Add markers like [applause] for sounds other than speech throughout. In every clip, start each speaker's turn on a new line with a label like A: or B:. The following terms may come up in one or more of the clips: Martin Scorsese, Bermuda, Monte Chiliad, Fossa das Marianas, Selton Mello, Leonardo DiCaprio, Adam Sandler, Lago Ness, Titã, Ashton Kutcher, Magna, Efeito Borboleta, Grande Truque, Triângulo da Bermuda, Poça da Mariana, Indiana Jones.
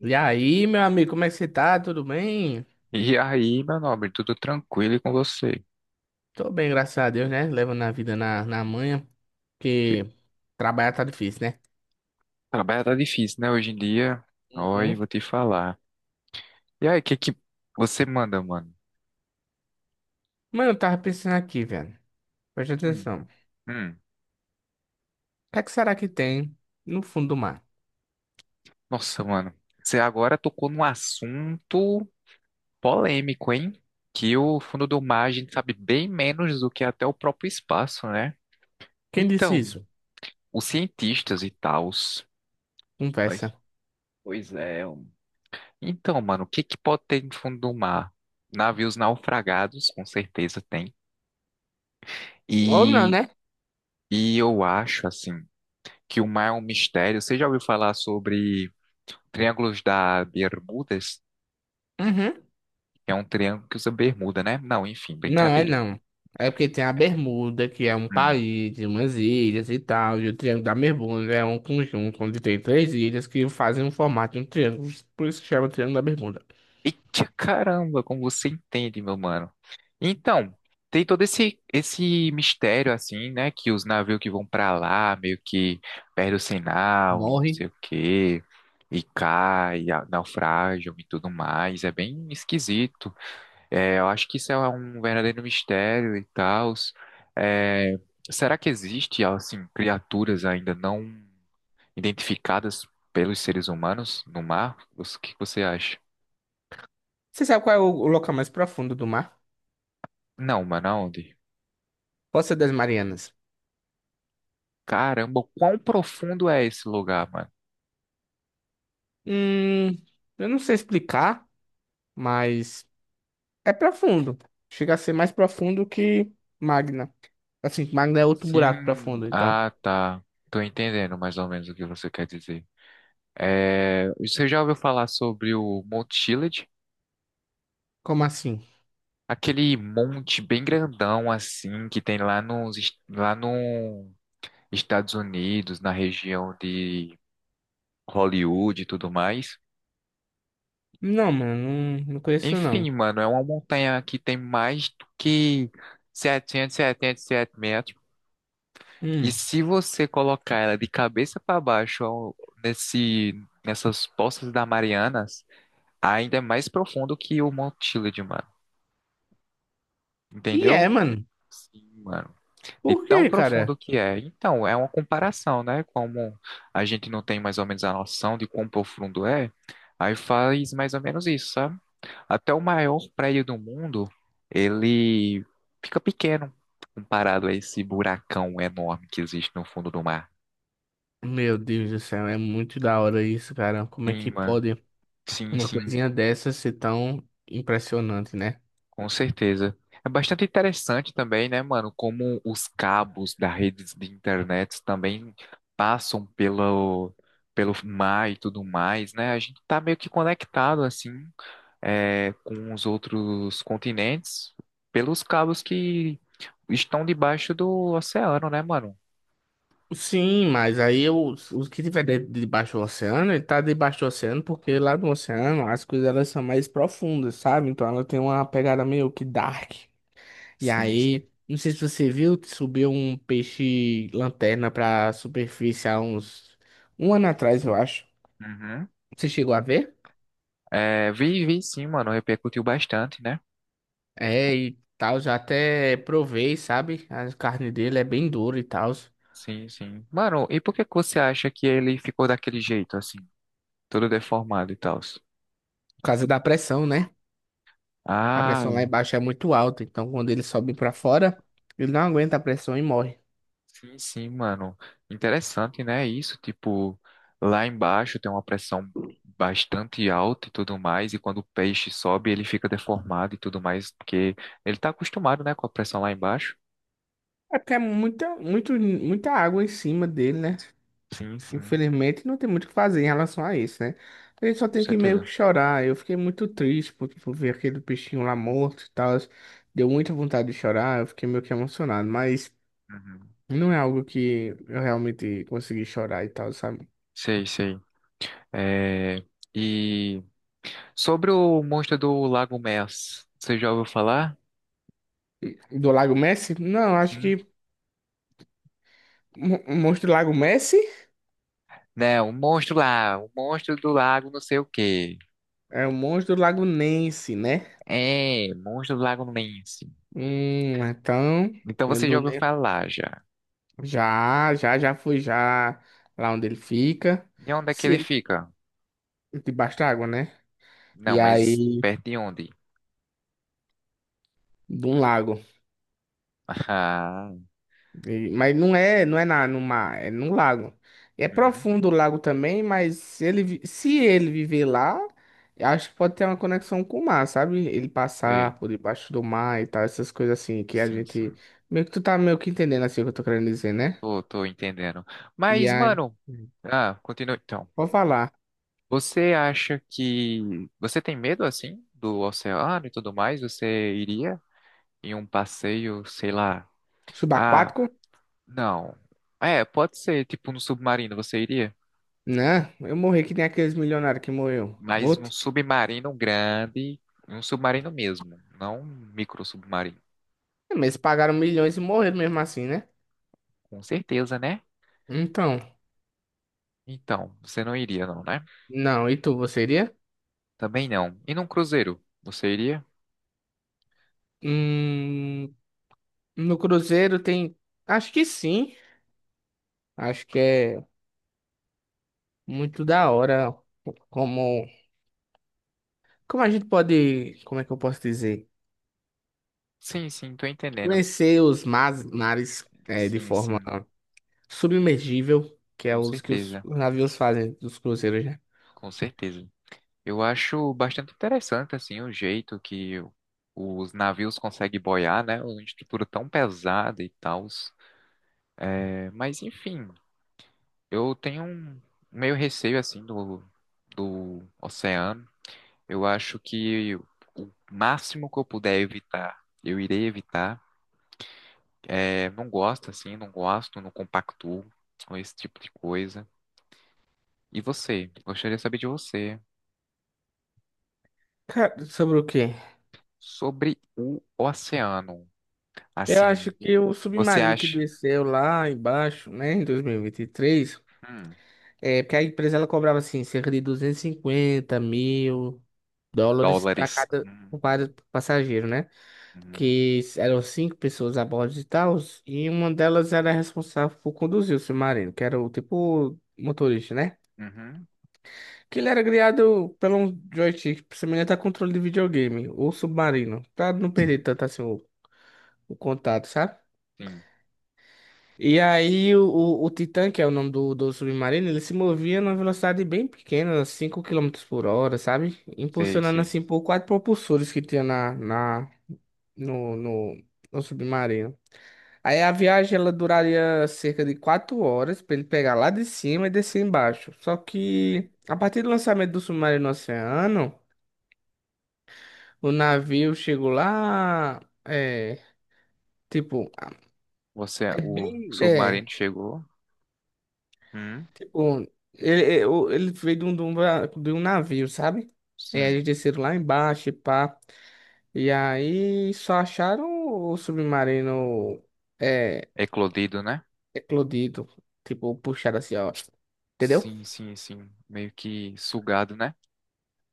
A: E aí, meu amigo, como é que você tá? Tudo bem?
B: E aí, meu nobre, tudo tranquilo e com você?
A: Tô bem, graças a Deus, né? Levando a vida na manha,
B: Que
A: porque trabalhar tá difícil, né?
B: trabalho tá difícil, né, hoje em dia? Oi,
A: Uhum.
B: vou te falar. E aí, o que que você manda, mano?
A: Mano, eu tava pensando aqui, velho. Presta
B: Hum,
A: atenção. O
B: hum.
A: que é que será que tem no fundo do mar?
B: Nossa, mano, você agora tocou num assunto polêmico, hein? Que o fundo do mar a gente sabe bem menos do que até o próprio espaço, né?
A: Quem disse
B: Então,
A: isso?
B: os cientistas e tals. Pois,
A: Conversa.
B: pois é. Hum. Então, mano, o que que pode ter no fundo do mar? Navios naufragados, com certeza tem.
A: Ou não,
B: E,
A: né?
B: e eu acho, assim, que o mar é um mistério. Você já ouviu falar sobre triângulos da Bermudas?
A: Uhum.
B: É um triângulo que usa bermuda, né? Não, enfim,
A: Não, é
B: brincadeira.
A: não. É porque tem a Bermuda, que é um
B: Hum.
A: país, umas ilhas e tal, e o Triângulo da Bermuda é um conjunto onde tem três ilhas que fazem um formato de um triângulo, por isso que chama Triângulo da Bermuda.
B: Eita caramba, como você entende, meu mano. Então, tem todo esse mistério, assim, né? Que os navios que vão pra lá meio que perdem o sinal e não sei o quê. E cai, naufragam e tudo mais. É bem esquisito. É, eu acho que isso é um verdadeiro mistério e tal. É, será que existe, assim, criaturas ainda não identificadas pelos seres humanos no mar? O que você acha?
A: Você sabe qual é o local mais profundo do mar?
B: Não, mano, aonde?
A: Fossa das Marianas.
B: Caramba, quão profundo é esse lugar, mano?
A: Hum, eu não sei explicar, mas é profundo. Chega a ser mais profundo que Magna. Assim, Magna é outro buraco
B: Sim,
A: profundo, então.
B: ah, tá. Tô entendendo mais ou menos o que você quer dizer. É, você já ouviu falar sobre o Monte Chiliad?
A: Como assim?
B: Aquele monte bem grandão assim que tem lá lá no Estados Unidos, na região de Hollywood e tudo mais.
A: Não, mano, não conheço não.
B: Enfim, mano, é uma montanha que tem mais do que 777 metros. E
A: Hum.
B: se você colocar ela de cabeça para baixo nesse, nessas Poças da Marianas, ainda é mais profundo que o Monte Chiliad, mano.
A: E
B: Entendeu?
A: é, mano.
B: Sim, mano. E
A: Por
B: tão
A: quê, cara?
B: profundo que é. Então, é uma comparação, né? Como a gente não tem mais ou menos a noção de quão profundo é, aí faz mais ou menos isso, sabe? Até o maior prédio do mundo, ele fica pequeno comparado a esse buracão enorme que existe no fundo do mar.
A: Meu Deus do céu, é muito da hora isso, cara. Como é
B: Sim,
A: que
B: mano.
A: pode
B: Sim,
A: uma
B: sim.
A: coisinha dessa ser tão impressionante, né?
B: Com certeza. É bastante interessante também, né, mano, como os cabos da rede de internet também passam pelo mar e tudo mais, né? A gente tá meio que conectado, assim, é, com os outros continentes pelos cabos que estão debaixo do oceano, né, mano?
A: Sim, mas aí o que tiver dentro debaixo do oceano, ele tá debaixo do oceano, porque lá no oceano as coisas elas são mais profundas, sabe? Então ela tem uma pegada meio que dark. E
B: Sim, sim.
A: aí, não sei se você viu, subiu um peixe lanterna pra superfície há uns um ano atrás, eu acho.
B: Uhum.
A: Você chegou a ver?
B: É, vi sim, mano, repercutiu bastante, né?
A: É, e tal, já até provei, sabe? A carne dele é bem dura e tal, por
B: Sim, sim. Mano, e por que que você acha que ele ficou daquele jeito, assim, todo deformado e tal?
A: causa da pressão, né? A
B: Ah,
A: pressão lá embaixo é muito alta, então quando ele sobe para fora, ele não aguenta a pressão e morre.
B: sim, sim, mano. Interessante, né? Isso, tipo, lá embaixo tem uma pressão bastante alta e tudo mais, e quando o peixe sobe, ele fica deformado e tudo mais, porque ele tá acostumado, né, com a pressão lá embaixo.
A: É porque é muita água em cima dele, né?
B: Sim, sim,
A: Infelizmente, não tem muito o que fazer em relação a isso, né? A gente só
B: com
A: tem que meio que
B: certeza.
A: chorar. Eu fiquei muito triste por ver aquele peixinho lá morto e tal. Deu muita vontade de chorar, eu fiquei meio que emocionado, mas
B: Uhum.
A: não é algo que eu realmente consegui chorar e tal, sabe?
B: Sei, sei. É... E sobre o monstro do Lago Mers, você já ouviu falar?
A: Do Lago Messi? Não, acho
B: Sim.
A: que o monstro do Lago Messi
B: Não, o monstro do lago não sei o quê.
A: é o monstro do Lago Ness, né?
B: É, monstro do lago Ness.
A: Hum, então,
B: Então
A: eu
B: você já
A: não
B: ouviu
A: lembro.
B: falar já.
A: Já fui já lá onde ele fica.
B: De onde é que
A: Se
B: ele
A: ele
B: fica?
A: debaixo d'água, né?
B: Não,
A: E
B: mas
A: aí,
B: perto de onde?
A: de um lago.
B: [laughs] Ah,
A: Mas não é, no mar, é num lago. É
B: uhum,
A: profundo o lago também, mas se ele, se ele viver lá, eu acho que pode ter uma conexão com o mar, sabe? Ele
B: sei.
A: passar por debaixo do mar e tal, essas coisas assim que a
B: Sim,
A: gente
B: sim.
A: meio que tu tá meio que entendendo assim o que eu tô querendo dizer, né?
B: Tô entendendo.
A: E
B: Mas,
A: aí,
B: mano, continua então.
A: vou falar.
B: Você acha que você tem medo assim do oceano e tudo mais? Você iria em um passeio, sei lá. Ah,
A: Subaquático?
B: não. É, pode ser, tipo no submarino, você iria?
A: Né? Eu morri que nem aqueles milionários que morreu.
B: Mas num submarino grande, um submarino mesmo, não um micro submarino.
A: É, mas eles pagaram milhões e morreram mesmo assim, né?
B: Com certeza, né?
A: Então,
B: Então, você não iria, não, né?
A: não, e tu, você iria?
B: Também não. E num cruzeiro, você iria?
A: Hum, no Cruzeiro tem. Acho que sim. Acho que é muito da hora como. Como a gente pode. Como é que eu posso dizer?
B: Sim, sim, tô entendendo.
A: Conhecer os mares é, de
B: Sim,
A: forma
B: sim,
A: submergível, que é
B: com
A: os que os
B: certeza,
A: navios fazem dos cruzeiros, né?
B: com certeza. Eu acho bastante interessante, assim, o jeito que os navios conseguem boiar, né? Uma estrutura tão pesada e tal. É, mas, enfim, eu tenho um meio receio, assim, do oceano. Eu acho que o máximo que eu puder evitar, eu irei evitar. É, não gosto assim, não gosto, não compactuo com esse tipo de coisa. E você? Gostaria de saber de você
A: Cara, sobre o quê?
B: sobre o oceano.
A: Eu
B: Assim,
A: acho que o
B: você
A: submarino que
B: acha?
A: desceu lá embaixo, né, em 2023,
B: Hum,
A: é porque a empresa ela cobrava assim, cerca de 250 mil dólares para
B: dólares.
A: cada
B: Uhum,
A: para passageiro, né?
B: uhum,
A: Que eram cinco pessoas a bordo e tal, e uma delas era responsável por conduzir o submarino, que era o tipo motorista, né?
B: uhum,
A: Que ele era criado pelo um joystick semelhante a controle de videogame, ou submarino, para não perder tanto assim o contato, sabe?
B: sim,
A: E aí o Titã, que é o nome do submarino, ele se movia numa velocidade bem pequena, 5 km/h, sabe?
B: sei,
A: Impulsionando
B: sei.
A: assim por quatro propulsores que tinha na, na, no, no, no submarino. Aí a viagem ela duraria cerca de 4 horas para ele pegar lá de cima e descer embaixo. Só
B: Uhum.
A: que a partir do lançamento do submarino no oceano, o navio chegou lá, é, tipo,
B: Você,
A: é
B: o
A: bem,
B: submarino
A: é,
B: chegou? Hum,
A: Tipo, ele, eu- ele veio de um navio, sabe? E aí
B: sim,
A: eles desceram lá embaixo e pá. E aí só acharam o submarino é,
B: eclodido, né?
A: eclodido. Tipo, puxado assim, ó. Entendeu?
B: Sim, sim, sim. Meio que sugado, né?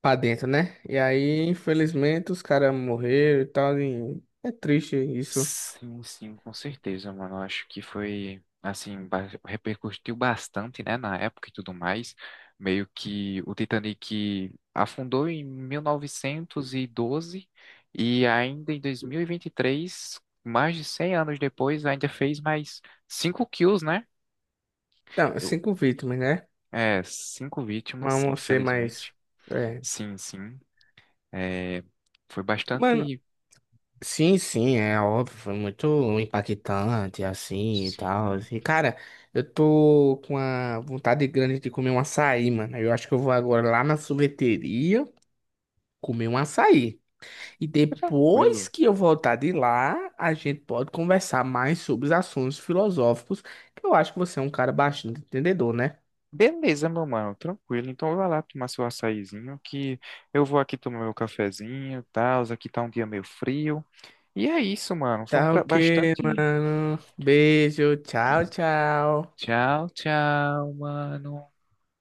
A: Pra dentro, né? E aí, infelizmente, os caras morreram e tal. E é triste isso.
B: Sim, sim, com certeza, mano. Eu acho que foi, assim, repercutiu bastante, né, na época e tudo mais. Meio que o Titanic afundou em 1912 e 12 e ainda em 2023, mais de 100 anos depois, ainda fez mais cinco kills, né?
A: Então,
B: Eu-
A: cinco vítimas, né?
B: É, cinco
A: Mas
B: vítimas,
A: vamos ser
B: infelizmente.
A: mais. É.
B: Sim, sim. É, foi
A: Mano,
B: bastante,
A: Sim, sim, é óbvio, foi muito impactante, assim, e
B: sim,
A: tal. E, cara, eu tô com uma vontade grande de comer um açaí, mano. Eu acho que eu vou agora lá na sorveteria comer um açaí. E depois
B: tranquilo.
A: que eu voltar de lá, a gente pode conversar mais sobre os assuntos filosóficos, que eu acho que você é um cara bastante entendedor, né?
B: Beleza, meu mano, tranquilo. Então vai lá tomar seu açaizinho, que eu vou aqui tomar meu cafezinho, tal. Aqui tá um dia meio frio. E é isso, mano. Foi um
A: Tá
B: pra...
A: ok,
B: bastante.
A: mano. Beijo, tchau, tchau.
B: Tchau, tchau, mano.